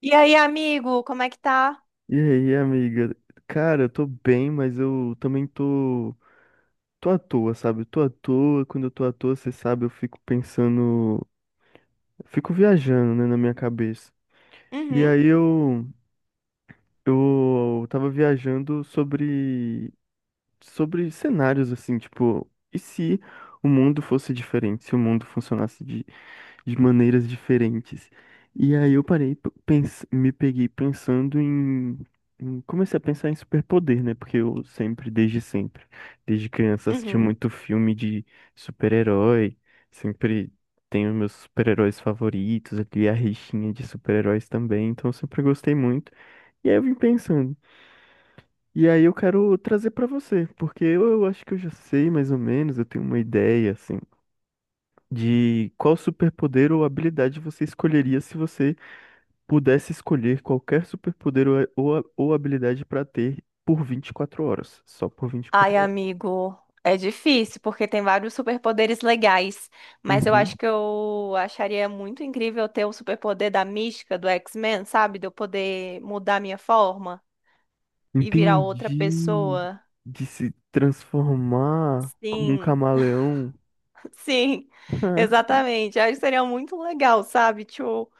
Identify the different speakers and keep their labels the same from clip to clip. Speaker 1: E aí, amigo, como é que tá?
Speaker 2: E aí, amiga? Cara, eu tô bem, mas eu também tô, tô à toa, sabe? Eu tô à toa, quando eu tô à toa, você sabe, eu fico pensando, fico viajando, né, na minha cabeça. E
Speaker 1: Uhum,
Speaker 2: aí eu tava viajando sobre cenários assim, tipo, e se o mundo fosse diferente, se o mundo funcionasse de maneiras diferentes? E aí eu parei, p- pens me peguei pensando em, Comecei a pensar em superpoder, né? Porque eu sempre, desde criança, assisti
Speaker 1: uhum.
Speaker 2: muito filme de super-herói, sempre tenho meus super-heróis favoritos, aqui a rixinha de super-heróis também, então eu sempre gostei muito. E aí eu vim pensando. E aí eu quero trazer pra você, porque eu acho que eu já sei mais ou menos, eu tenho uma ideia assim de qual superpoder ou habilidade você escolheria se você pudesse escolher qualquer superpoder ou habilidade pra ter por 24 horas, só por
Speaker 1: Ai,
Speaker 2: 24 horas.
Speaker 1: amigo, é difícil porque tem vários superpoderes legais, mas eu
Speaker 2: Uhum.
Speaker 1: acho que eu acharia muito incrível ter o superpoder da mística do X-Men, sabe? De eu poder mudar minha forma e virar outra
Speaker 2: Entendi.
Speaker 1: pessoa.
Speaker 2: De se transformar como um
Speaker 1: Sim,
Speaker 2: camaleão,
Speaker 1: sim, exatamente. Eu acho que seria muito legal, sabe? Tipo,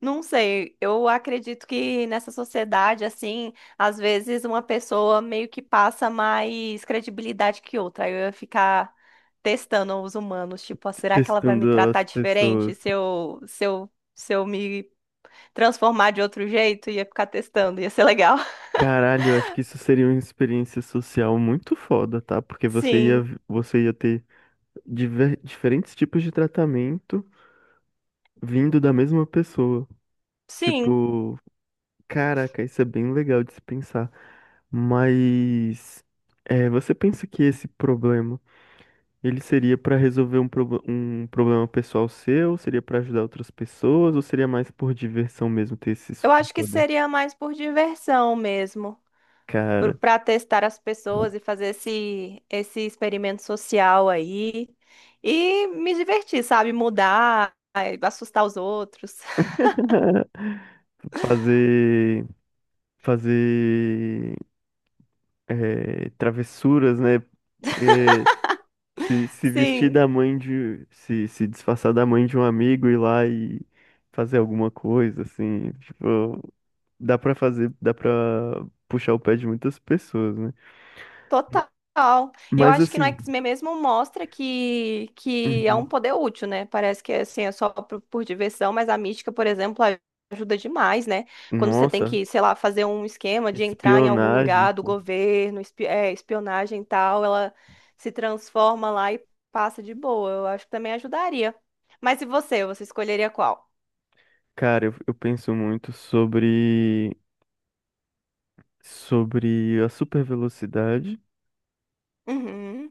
Speaker 1: não sei, eu acredito que nessa sociedade, assim, às vezes uma pessoa meio que passa mais credibilidade que outra. Aí eu ia ficar testando os humanos, tipo, ah, será que ela vai me
Speaker 2: testando
Speaker 1: tratar
Speaker 2: as
Speaker 1: diferente
Speaker 2: pessoas.
Speaker 1: se eu me transformar de outro jeito? Ia ficar testando, ia ser legal.
Speaker 2: Caralho, eu acho que isso seria uma experiência social muito foda, tá? Porque
Speaker 1: Sim,
Speaker 2: você ia ter diferentes tipos de tratamento vindo da mesma pessoa.
Speaker 1: sim.
Speaker 2: Tipo, caraca, isso é bem legal de se pensar. Mas é, você pensa que esse problema, ele seria pra resolver um problema pessoal seu? Seria pra ajudar outras pessoas? Ou seria mais por diversão mesmo ter esse
Speaker 1: Eu acho que
Speaker 2: superpoder?
Speaker 1: seria mais por diversão mesmo,
Speaker 2: Cara,
Speaker 1: para testar as pessoas e fazer esse experimento social aí e me divertir, sabe? Mudar, ai, assustar os outros.
Speaker 2: fazer, fazer é, travessuras, né? É, se vestir
Speaker 1: Sim.
Speaker 2: da mãe de. Se disfarçar da mãe de um amigo, ir lá e fazer alguma coisa, assim. Tipo, dá pra fazer, dá pra puxar o pé de muitas pessoas, né?
Speaker 1: Total. E eu
Speaker 2: Mas
Speaker 1: acho que no
Speaker 2: assim.
Speaker 1: X-Men mesmo mostra que é um
Speaker 2: Uhum.
Speaker 1: poder útil, né? Parece que assim, é só por diversão, mas a mística, por exemplo, ajuda demais, né? Quando você tem
Speaker 2: Nossa,
Speaker 1: que, sei lá, fazer um esquema de entrar em algum
Speaker 2: espionagem,
Speaker 1: lugar do
Speaker 2: pô.
Speaker 1: governo, espionagem e tal, ela se transforma lá e passa de boa. Eu acho que também ajudaria. Mas e você? Você escolheria qual?
Speaker 2: Cara, eu penso muito sobre. Sobre a super velocidade.
Speaker 1: Uhum.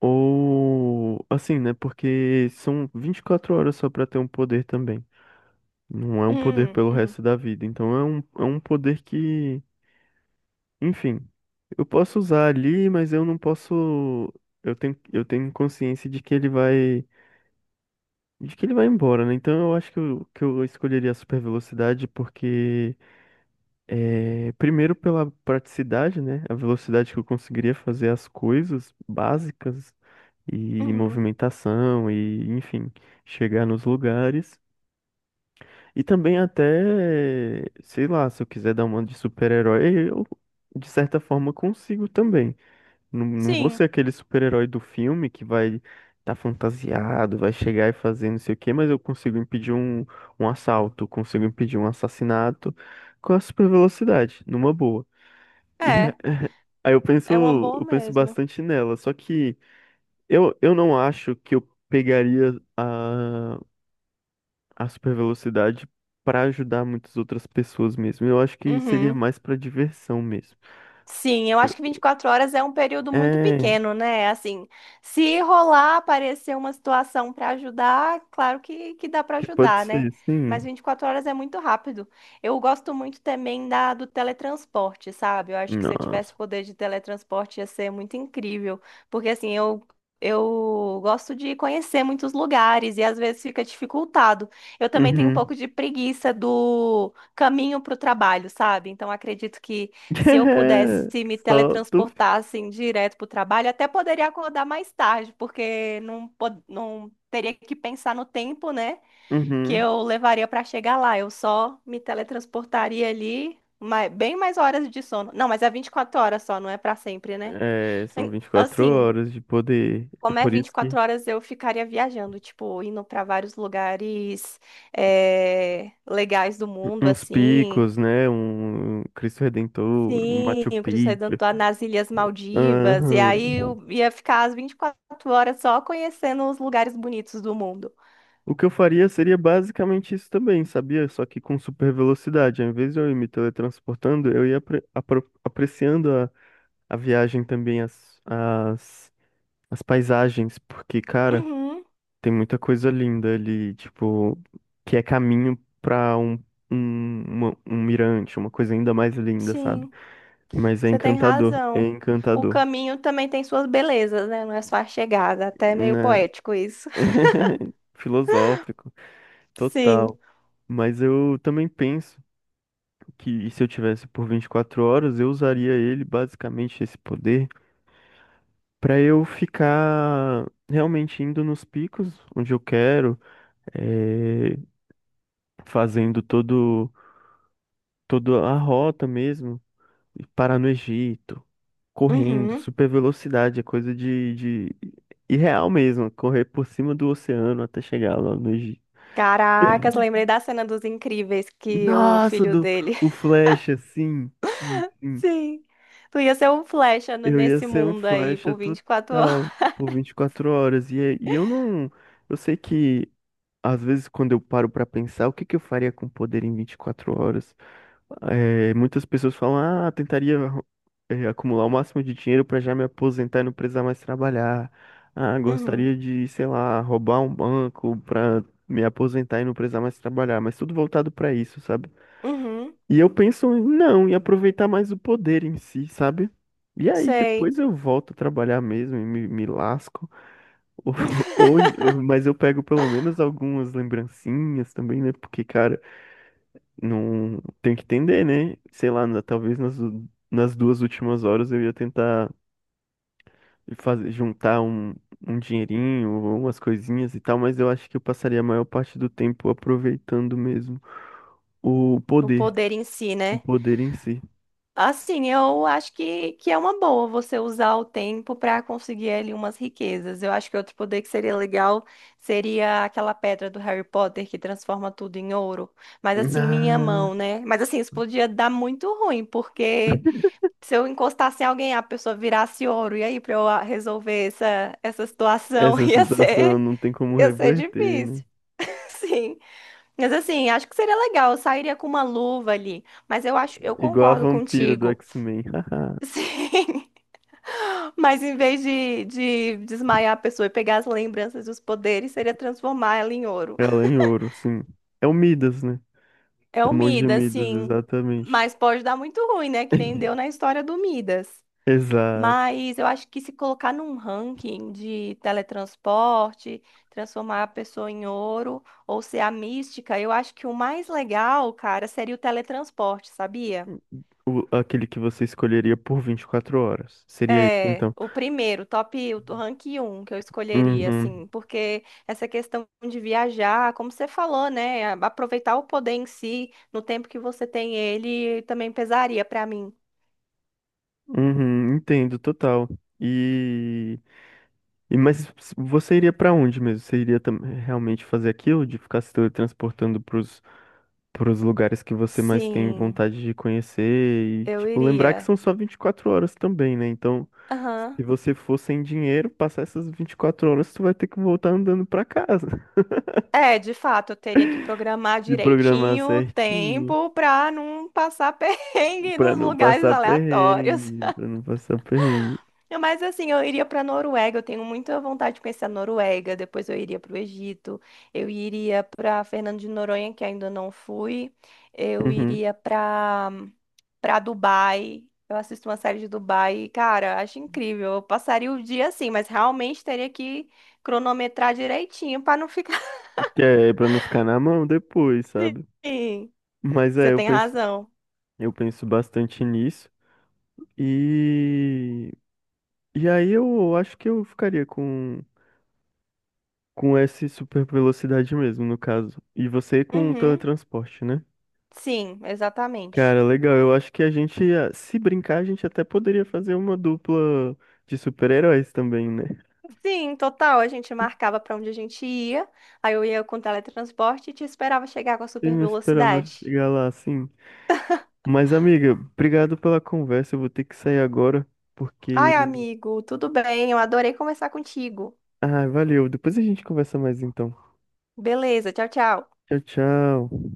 Speaker 2: Ou assim, né? Porque são 24 horas só pra ter um poder também. Não é um poder
Speaker 1: Uhum.
Speaker 2: pelo
Speaker 1: Uhum.
Speaker 2: resto da vida. Então é um poder que, enfim, eu posso usar ali, mas eu não posso. Eu tenho consciência de que de que ele vai embora, né? Então eu acho que que eu escolheria a super velocidade porque, é, primeiro pela praticidade, né? A velocidade que eu conseguiria fazer as coisas básicas e
Speaker 1: Uhum.
Speaker 2: movimentação e, enfim, chegar nos lugares. E também até, sei lá, se eu quiser dar uma de super-herói, eu de certa forma consigo também. Não vou ser
Speaker 1: Sim.
Speaker 2: aquele super-herói do filme que vai estar fantasiado, vai chegar e fazer não sei o quê, mas eu consigo impedir um assalto, consigo impedir um assassinato com a super-velocidade, numa boa. E
Speaker 1: É.
Speaker 2: aí
Speaker 1: É uma boa
Speaker 2: eu penso
Speaker 1: mesmo.
Speaker 2: bastante nela, só que eu não acho que eu pegaria a super velocidade para ajudar muitas outras pessoas mesmo. Eu acho que seria
Speaker 1: Uhum.
Speaker 2: mais para diversão mesmo.
Speaker 1: Sim, eu acho que 24 horas é um período muito
Speaker 2: É,
Speaker 1: pequeno, né? Assim, se rolar, aparecer uma situação para ajudar, claro que dá para
Speaker 2: que pode
Speaker 1: ajudar, né?
Speaker 2: ser,
Speaker 1: Mas
Speaker 2: sim.
Speaker 1: 24 horas é muito rápido. Eu gosto muito também do teletransporte, sabe? Eu acho que se eu tivesse
Speaker 2: Nossa.
Speaker 1: poder de teletransporte ia ser muito incrível. Porque, assim, eu gosto de conhecer muitos lugares e às vezes fica dificultado. Eu também tenho um
Speaker 2: Uhum.
Speaker 1: pouco de preguiça do caminho para o trabalho, sabe? Então, acredito que, se eu pudesse me
Speaker 2: Só tu.
Speaker 1: teletransportar assim direto para o trabalho, até poderia acordar mais tarde, porque não teria que pensar no tempo, né, que
Speaker 2: Uhum.
Speaker 1: eu levaria para chegar lá. Eu só me teletransportaria ali, bem mais horas de sono. Não, mas é 24 horas só, não é para sempre, né?
Speaker 2: É, são 24
Speaker 1: Assim,
Speaker 2: horas de poder. É
Speaker 1: como é
Speaker 2: por isso que
Speaker 1: 24 horas, eu ficaria viajando, tipo, indo para vários lugares legais do mundo,
Speaker 2: uns
Speaker 1: assim.
Speaker 2: picos, né? Um Cristo Redentor, um
Speaker 1: Sim,
Speaker 2: Machu
Speaker 1: o Cristo
Speaker 2: Picchu.
Speaker 1: Redentor nas Ilhas Maldivas. E aí
Speaker 2: Aham.
Speaker 1: eu ia ficar as 24 horas só conhecendo os lugares bonitos do mundo.
Speaker 2: O que eu faria seria basicamente isso também, sabia? Só que com super velocidade. Ao invés de eu ir me teletransportando, eu ia apreciando a viagem também, as paisagens, porque, cara,
Speaker 1: Uhum,
Speaker 2: tem muita coisa linda ali, tipo, que é caminho pra um, um mirante, uma coisa ainda mais linda, sabe?
Speaker 1: sim,
Speaker 2: Mas
Speaker 1: você tem
Speaker 2: é
Speaker 1: razão. O
Speaker 2: encantador,
Speaker 1: caminho também tem suas belezas, né? Não é só a chegada, até é meio
Speaker 2: né?
Speaker 1: poético isso.
Speaker 2: Filosófico,
Speaker 1: Sim.
Speaker 2: total. Mas eu também penso. Que se eu tivesse por 24 horas, eu usaria ele, basicamente esse poder, para eu ficar realmente indo nos picos onde eu quero, eh, fazendo todo toda a rota mesmo, e parar no Egito, correndo,
Speaker 1: Uhum.
Speaker 2: super velocidade, é coisa de irreal mesmo, correr por cima do oceano até chegar lá no Egito.
Speaker 1: Caracas, lembrei da cena dos Incríveis que o
Speaker 2: Nossa,
Speaker 1: filho
Speaker 2: do,
Speaker 1: dele.
Speaker 2: o Flash, assim, sim.
Speaker 1: Sim. Tu ia ser um flecha
Speaker 2: Eu ia
Speaker 1: nesse
Speaker 2: ser um
Speaker 1: mundo aí
Speaker 2: flecha
Speaker 1: por 24 horas.
Speaker 2: total por 24 horas. E, e eu não. Eu sei que, às vezes, quando eu paro pra pensar, o que que eu faria com poder em 24 horas? É, muitas pessoas falam, ah, tentaria, é, acumular o máximo de dinheiro pra já me aposentar e não precisar mais trabalhar. Ah,
Speaker 1: Uhum.
Speaker 2: gostaria de, sei lá, roubar um banco pra me aposentar e não precisar mais trabalhar. Mas tudo voltado pra isso, sabe?
Speaker 1: Uhum.
Speaker 2: E eu penso em não, em aproveitar mais o poder em si, sabe? E aí
Speaker 1: Sei.
Speaker 2: depois eu volto a trabalhar mesmo e me lasco. Ou, ou, em- mas eu pego pelo menos algumas lembrancinhas também, né? Porque, cara, não tem que entender, né? Sei lá, talvez nas 2 últimas horas eu ia tentar fazer, juntar um dinheirinho, ou umas coisinhas e tal, mas eu acho que eu passaria a maior parte do tempo aproveitando mesmo o
Speaker 1: O
Speaker 2: poder,
Speaker 1: poder em si,
Speaker 2: o
Speaker 1: né?
Speaker 2: poder em si.
Speaker 1: Assim, eu acho que é uma boa você usar o tempo para conseguir ali umas riquezas. Eu acho que outro poder que seria legal seria aquela pedra do Harry Potter que transforma tudo em ouro. Mas assim, minha
Speaker 2: Ah.
Speaker 1: mão, né? Mas assim, isso podia dar muito ruim, porque se eu encostasse em alguém, a pessoa virasse ouro. E aí, para eu ah, resolver essa situação,
Speaker 2: Essa situação não tem como
Speaker 1: ia ser
Speaker 2: reverter, né?
Speaker 1: difícil. Sim. Mas assim, acho que seria legal, eu sairia com uma luva ali. Mas eu acho, eu
Speaker 2: Igual a
Speaker 1: concordo
Speaker 2: vampira do
Speaker 1: contigo.
Speaker 2: X-Men. Haha.
Speaker 1: Sim. Mas em vez de desmaiar a pessoa e pegar as lembranças dos poderes, seria transformar ela em ouro.
Speaker 2: Ela é em ouro, sim. É o Midas, né?
Speaker 1: É
Speaker 2: É
Speaker 1: o
Speaker 2: o monge
Speaker 1: Midas,
Speaker 2: Midas,
Speaker 1: sim.
Speaker 2: exatamente.
Speaker 1: Mas pode dar muito ruim, né? Que nem deu na história do Midas.
Speaker 2: Exato.
Speaker 1: Mas eu acho que se colocar num ranking de teletransporte, transformar a pessoa em ouro ou ser a mística, eu acho que o mais legal, cara, seria o teletransporte, sabia?
Speaker 2: O- aquele que você escolheria por 24 horas. Seria isso,
Speaker 1: É,
Speaker 2: então.
Speaker 1: o primeiro, top, o rank um que eu escolheria,
Speaker 2: Uhum.
Speaker 1: assim, porque essa questão de viajar, como você falou, né, a- aproveitar o poder em si, no tempo que você tem ele, também pesaria pra mim.
Speaker 2: Uhum, entendo, total. E, e mas você iria pra onde mesmo? Você iria realmente fazer aquilo de ficar se teletransportando para para os lugares que você mais tem
Speaker 1: Sim,
Speaker 2: vontade de conhecer e,
Speaker 1: eu
Speaker 2: tipo, lembrar que
Speaker 1: iria.
Speaker 2: são só 24 horas também, né? Então, se
Speaker 1: Aham.
Speaker 2: você for sem dinheiro, passar essas 24 horas, tu vai ter que voltar andando para casa.
Speaker 1: É, de fato, eu teria que programar
Speaker 2: Se programar
Speaker 1: direitinho o
Speaker 2: certinho,
Speaker 1: tempo pra não passar perrengue
Speaker 2: para
Speaker 1: nos
Speaker 2: não
Speaker 1: lugares
Speaker 2: passar
Speaker 1: aleatórios.
Speaker 2: perrengue, para não passar perrengue.
Speaker 1: É. Mas assim, eu iria para Noruega, eu tenho muita vontade de conhecer a Noruega, depois eu iria para o Egito, eu iria para Fernando de Noronha, que ainda não fui, eu
Speaker 2: Uhum.
Speaker 1: iria para Dubai. Eu assisto uma série de Dubai, e, cara, acho incrível. Eu passaria o dia assim, mas realmente teria que cronometrar direitinho para não ficar
Speaker 2: Que é para não ficar na mão depois, sabe?
Speaker 1: assim.
Speaker 2: Mas
Speaker 1: Você
Speaker 2: é,
Speaker 1: tem razão.
Speaker 2: eu penso bastante nisso. E e aí eu acho que eu ficaria com essa super velocidade mesmo, no caso. E você com o
Speaker 1: Uhum.
Speaker 2: teletransporte, né?
Speaker 1: Sim, exatamente.
Speaker 2: Cara, legal. Eu acho que a gente, ah, se brincar, a gente até poderia fazer uma dupla de super-heróis também, né?
Speaker 1: Sim, total. A gente marcava pra onde a gente ia, aí eu ia com teletransporte e te esperava chegar com a
Speaker 2: Eu
Speaker 1: super
Speaker 2: não esperava
Speaker 1: velocidade.
Speaker 2: chegar lá assim. Mas, amiga, obrigado pela conversa. Eu vou ter que sair agora, porque.
Speaker 1: Ai, amigo, tudo bem? Eu adorei conversar contigo.
Speaker 2: Ah, valeu. Depois a gente conversa mais então.
Speaker 1: Beleza, tchau, tchau.
Speaker 2: Tchau, tchau.